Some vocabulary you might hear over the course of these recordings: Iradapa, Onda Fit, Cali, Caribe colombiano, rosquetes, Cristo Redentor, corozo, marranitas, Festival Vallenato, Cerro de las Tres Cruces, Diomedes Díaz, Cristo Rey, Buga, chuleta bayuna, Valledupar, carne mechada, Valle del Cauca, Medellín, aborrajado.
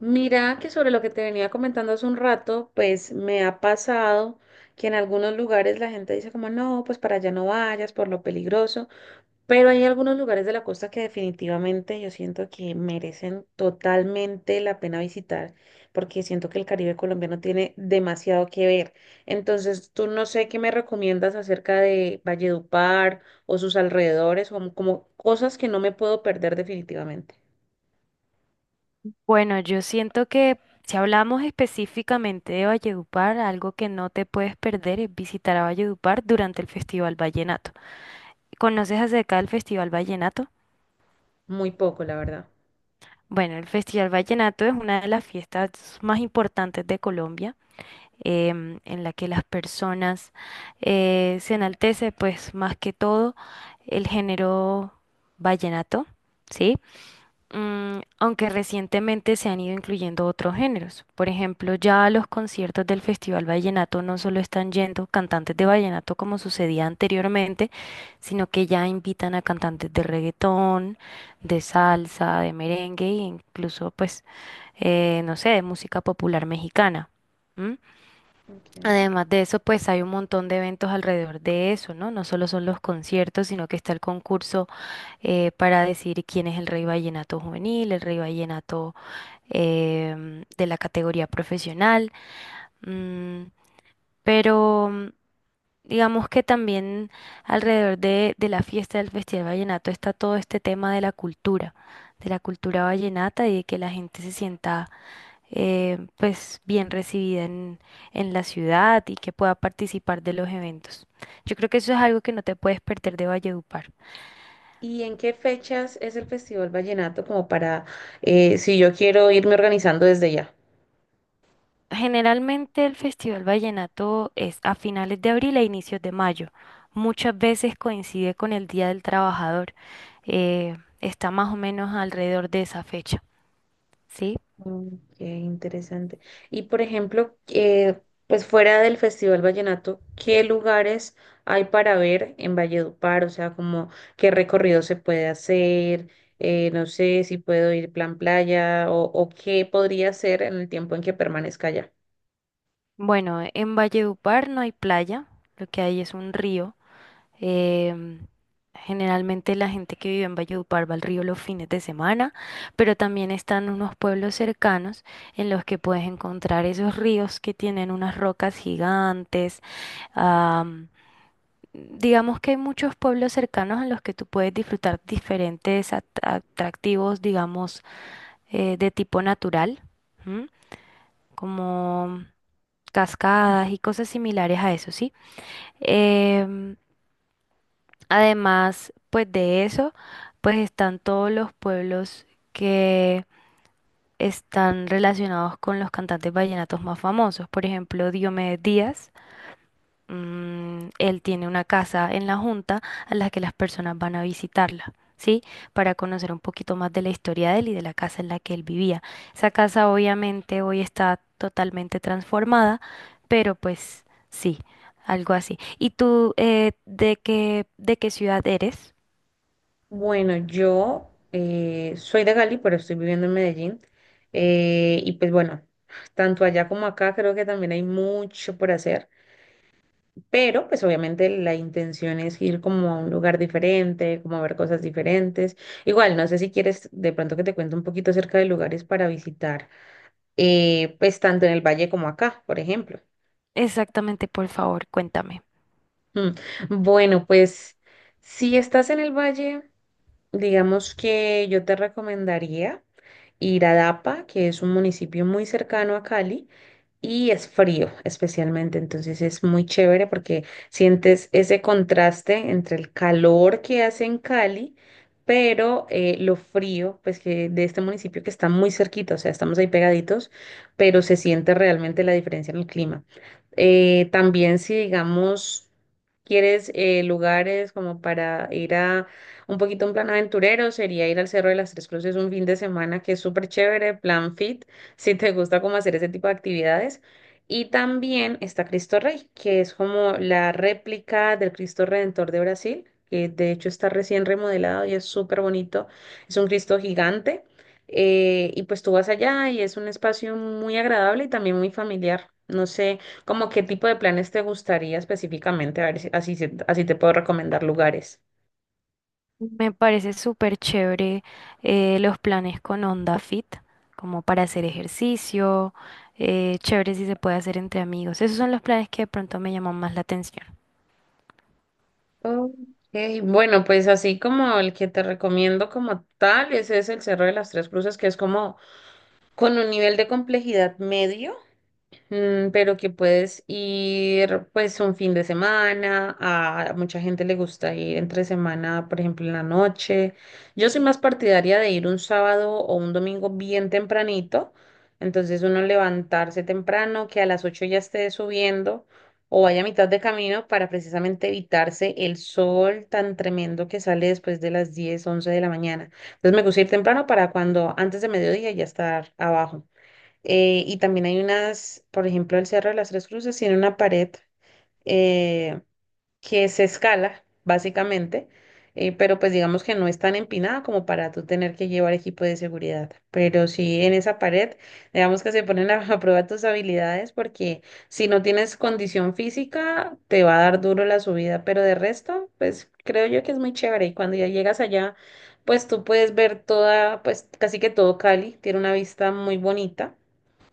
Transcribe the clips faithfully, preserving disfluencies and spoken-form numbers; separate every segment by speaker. Speaker 1: Mira que sobre lo que te venía comentando hace un rato, pues me ha pasado que en algunos lugares la gente dice como no, pues para allá no vayas por lo peligroso, pero hay algunos lugares de la costa que definitivamente yo siento que merecen totalmente la pena visitar, porque siento que el Caribe colombiano tiene demasiado que ver. Entonces, tú no sé qué me recomiendas acerca de Valledupar o sus alrededores, o como como cosas que no me puedo perder definitivamente.
Speaker 2: Bueno, yo siento que si hablamos específicamente de Valledupar, algo que no te puedes perder es visitar a Valledupar durante el Festival Vallenato. ¿Conoces acerca del Festival Vallenato?
Speaker 1: Muy poco, la verdad.
Speaker 2: Bueno, el Festival Vallenato es una de las fiestas más importantes de Colombia, em, en la que las personas eh, se enaltece, pues más que todo, el género vallenato, ¿sí? Mm, aunque recientemente se han ido incluyendo otros géneros. Por ejemplo, ya a los conciertos del Festival Vallenato no solo están yendo cantantes de vallenato como sucedía anteriormente, sino que ya invitan a cantantes de reggaetón, de salsa, de merengue e incluso, pues, eh, no sé, de música popular mexicana. ¿M?
Speaker 1: Ok.
Speaker 2: Además de eso, pues hay un montón de eventos alrededor de eso, ¿no? No solo son los conciertos, sino que está el concurso eh, para decir quién es el rey vallenato juvenil, el rey vallenato em, de la categoría profesional, mm, pero mm, digamos que también alrededor de, de la fiesta del Festival Vallenato está todo este tema de la cultura, de la cultura vallenata y de que la gente se sienta eh, pues bien recibida en, en la ciudad y que pueda participar de los eventos. Yo creo que eso es algo que no te puedes perder de Valledupar.
Speaker 1: ¿Y en qué fechas es el Festival Vallenato como para, eh, si yo quiero irme organizando desde ya?
Speaker 2: Generalmente el Festival Vallenato es a finales de abril e inicios de mayo. Muchas veces coincide con el Día del Trabajador. Eh, está más o menos alrededor de esa fecha, ¿sí?
Speaker 1: Mm, qué interesante. Y por ejemplo, eh, pues fuera del Festival Vallenato, ¿qué lugares hay para ver en Valledupar? O sea, ¿como qué recorrido se puede hacer? Eh, no sé si puedo ir plan playa o, o qué podría hacer en el tiempo en que permanezca allá.
Speaker 2: Bueno, en Valledupar no hay playa, lo que hay es un río. em, Generalmente la gente que vive en Valledupar va al río los fines de semana, pero también están unos pueblos cercanos en los que puedes encontrar esos ríos que tienen unas rocas gigantes. Digamos que hay muchos pueblos cercanos en los que tú puedes disfrutar diferentes at- atractivos, digamos, eh, de tipo natural, ¿m? Como cascadas y cosas similares a eso, ¿sí? Em, Además, pues de eso, pues están todos los pueblos que están relacionados con los cantantes vallenatos más famosos, por ejemplo, Diomedes Díaz. Mm, él tiene una casa en la Junta a la que las personas van a visitarla, ¿sí? Para conocer un poquito más de la historia de él y de la casa en la que él vivía. Esa casa obviamente hoy está totalmente transformada, pero pues sí, algo así. ¿Y tú eh, de qué, de qué ciudad eres?
Speaker 1: Bueno, yo eh, soy de Cali, pero estoy viviendo en Medellín. Eh, y pues bueno, tanto allá como acá creo que también hay mucho por hacer, pero pues obviamente la intención es ir como a un lugar diferente, como a ver cosas diferentes. Igual, no sé si quieres de pronto que te cuente un poquito acerca de lugares para visitar, eh, pues tanto en el valle como acá, por ejemplo.
Speaker 2: Exactamente, por favor, cuéntame.
Speaker 1: Mm, Bueno, pues si estás en el valle, digamos que yo te recomendaría Iradapa, que es un municipio muy cercano a Cali, y es frío especialmente, entonces es muy chévere porque sientes ese contraste entre el calor que hace en Cali, pero eh, lo frío, pues, que de este municipio que está muy cerquita, o sea, estamos ahí pegaditos, pero se siente realmente la diferencia en el clima. Eh, también, si digamos, ¿quieres eh, lugares como para ir a un poquito un plan aventurero? Sería ir al Cerro de las Tres Cruces un fin de semana, que es súper chévere, plan fit, si te gusta como hacer ese tipo de actividades. Y también está Cristo Rey, que es como la réplica del Cristo Redentor de Brasil, que de hecho está recién remodelado y es súper bonito. Es un Cristo gigante. Eh, y pues tú vas allá y es un espacio muy agradable y también muy familiar. No sé, como qué tipo de planes te gustaría específicamente, a ver si así, se- así te puedo recomendar lugares.
Speaker 2: Me parece súper chévere eh, los planes con Onda Fit, como para hacer ejercicio, eh, chévere si se puede hacer entre amigos. Esos son los planes que de pronto me llaman más la atención.
Speaker 1: Ok. Bueno, pues así como el que te recomiendo como tal, ese es el Cerro de las Tres Cruces, que es como con un nivel de complejidad medio. Mm, pero que puedes ir pues un fin de semana, a mucha gente le gusta ir entre semana, por ejemplo, en la noche. Yo soy más partidaria de ir un sábado o un domingo bien tempranito, entonces uno levantarse temprano, que a las ocho ya esté subiendo o vaya a mitad de camino para precisamente evitarse el sol tan tremendo que sale después de las diez once de la mañana. Entonces me gusta ir temprano para cuando antes de mediodía ya estar abajo. Eh, y también hay unas, por ejemplo, el Cerro de las Tres Cruces tiene una pared eh, que se escala, básicamente, eh, pero pues digamos que no es tan empinada como para tú tener que llevar equipo de seguridad. Pero sí, en esa pared, digamos que se ponen a, a prueba tus habilidades, porque si no tienes condición física, te va a dar duro la subida, pero de resto, pues creo yo que es muy chévere y cuando ya llegas allá, pues tú puedes ver toda, pues casi que todo Cali, tiene una vista muy bonita.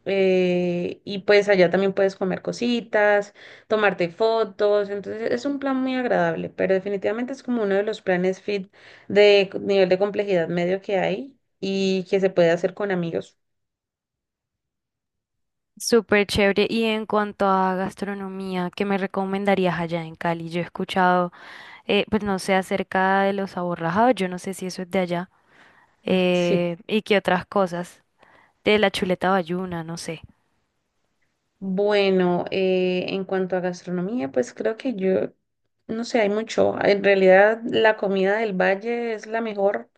Speaker 1: eh, Y pues allá también puedes comer cositas, tomarte fotos, entonces es un plan muy agradable, pero definitivamente es como uno de los planes fit de c- nivel de complejidad medio que hay y que se puede hacer con amigos.
Speaker 2: Súper chévere. Y en cuanto a gastronomía, ¿qué me recomendarías allá en Cali? Yo he escuchado, eh, pues no sé, acerca de los aborrajados, yo no sé si eso es de allá,
Speaker 1: Sí.
Speaker 2: eh, y qué otras cosas, de la chuleta bayuna, no sé.
Speaker 1: Bueno, eh, en cuanto a gastronomía, pues creo que yo, no sé, hay mucho. En realidad la comida del valle es la mejor,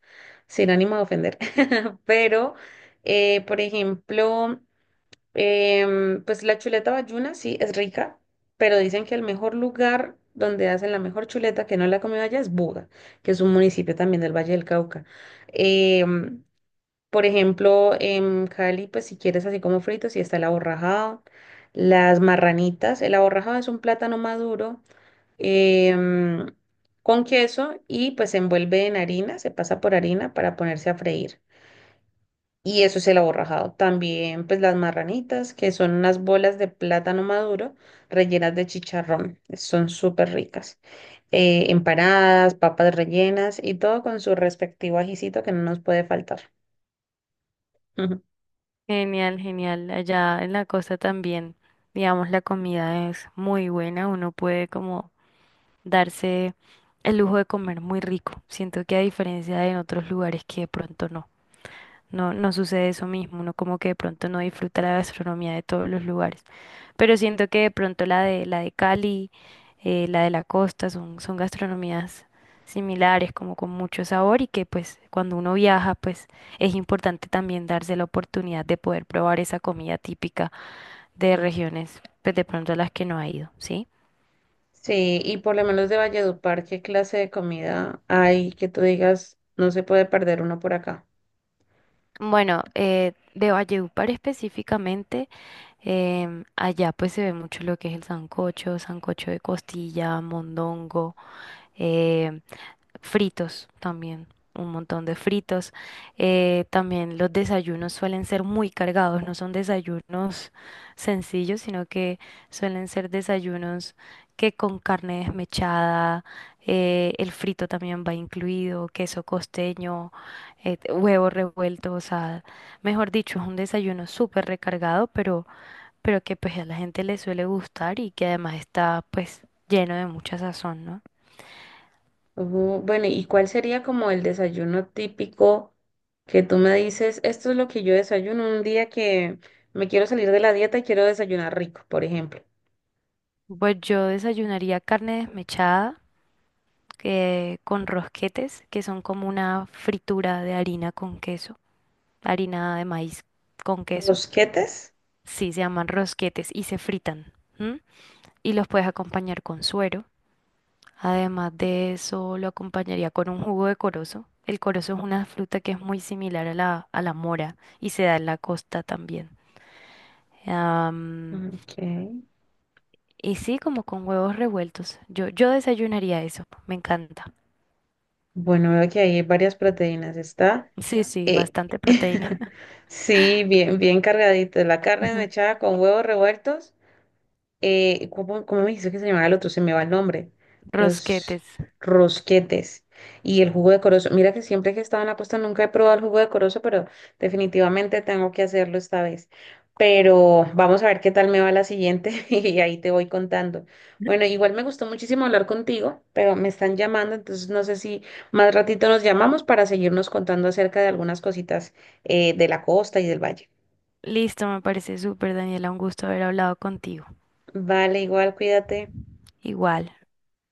Speaker 1: sin ánimo de ofender, pero, eh, por ejemplo, Em, pues la chuleta bayuna sí es rica, pero dicen que el mejor lugar donde hacen la mejor chuleta, que no la he comido allá, es Buga, que es un municipio también del Valle del Cauca. Em, por ejemplo, en Cali, pues si quieres así como fritos, sí está el aborrajado, las marranitas. El aborrajado es un plátano maduro em, con queso y pues se envuelve en harina, se pasa por harina para ponerse a freír y eso es el aborrajado. También pues las marranitas, que son unas bolas de plátano maduro rellenas de chicharrón. Son súper ricas. Eh, empanadas, papas rellenas y todo con su respectivo ajicito que no nos puede faltar. Ujú.
Speaker 2: Genial, genial. Allá en la costa también, digamos, la comida es muy buena. Uno puede como darse el lujo de comer muy rico. Siento que a diferencia de en otros lugares que de pronto no. No, no sucede eso mismo, uno como que de pronto no disfruta la gastronomía de todos los lugares. Pero siento que de pronto la de la de Cali, eh, la de la costa son, son gastronomías similares, como con mucho sabor y que pues cuando uno viaja pues es importante también darse la oportunidad de poder probar esa comida típica de regiones pues de pronto a las que no ha ido, ¿sí?
Speaker 1: Sí, y por lo menos de Valledupar, ¿qué clase de comida hay que tú digas no se puede perder uno por acá?
Speaker 2: Bueno, eh, de Valledupar específicamente. Em, allá pues se ve mucho lo que es el sancocho, sancocho de costilla, mondongo, eh, fritos también, un montón de fritos. Eh, también los desayunos suelen ser muy cargados, no son desayunos sencillos, sino que suelen ser desayunos que con carne desmechada, eh, el frito también va incluido, queso costeño, eh, huevo revuelto, o sea, mejor dicho, es un desayuno súper recargado, pero pero que pues a la gente le suele gustar y que además está pues lleno de mucha sazón, ¿no?
Speaker 1: Ujú. Bueno, ¿y cuál sería como el desayuno típico que tú me dices? Esto es lo que yo desayuno un día que me quiero salir de la dieta y quiero desayunar rico, por ejemplo.
Speaker 2: Pues yo desayunaría carne desmechada que- con rosquetes, que son como una fritura de harina con queso, harina de maíz con queso.
Speaker 1: ¿Rosquetes?
Speaker 2: Sí, se llaman rosquetes y se fritan. ¿M? Y los puedes acompañar con suero. Además de eso, lo acompañaría con un jugo de corozo. El corozo es una fruta que es muy similar a la, a la mora y se da en la costa también.
Speaker 1: Ok.
Speaker 2: Y sí, como con huevos revueltos. Yo, yo desayunaría eso. Me encanta.
Speaker 1: Bueno, veo que ahí hay varias proteínas. Está.
Speaker 2: Sí, sí,
Speaker 1: eh,
Speaker 2: bastante proteína.
Speaker 1: Sí, bien, bien cargadito. La carne mechada con huevos revueltos. eh, ¿cómo, cómo me dijiste que se llamaba el otro? Se me va el nombre. Los
Speaker 2: Rosquetes.
Speaker 1: rosquetes y el jugo de corozo. Mira que siempre que he estado en la costa nunca he probado el jugo de corozo, pero definitivamente tengo que hacerlo esta vez. Pero vamos a ver qué tal me va la siguiente y ahí te voy contando. Bueno, igual me gustó muchísimo hablar contigo, pero me están llamando, entonces no sé si más ratito nos llamamos para seguirnos contando acerca de algunas cositas eh, de la costa y del valle.
Speaker 2: Listo, me parece súper, Daniela. Un gusto haber hablado contigo.
Speaker 1: Vale, igual, cuídate.
Speaker 2: Igual.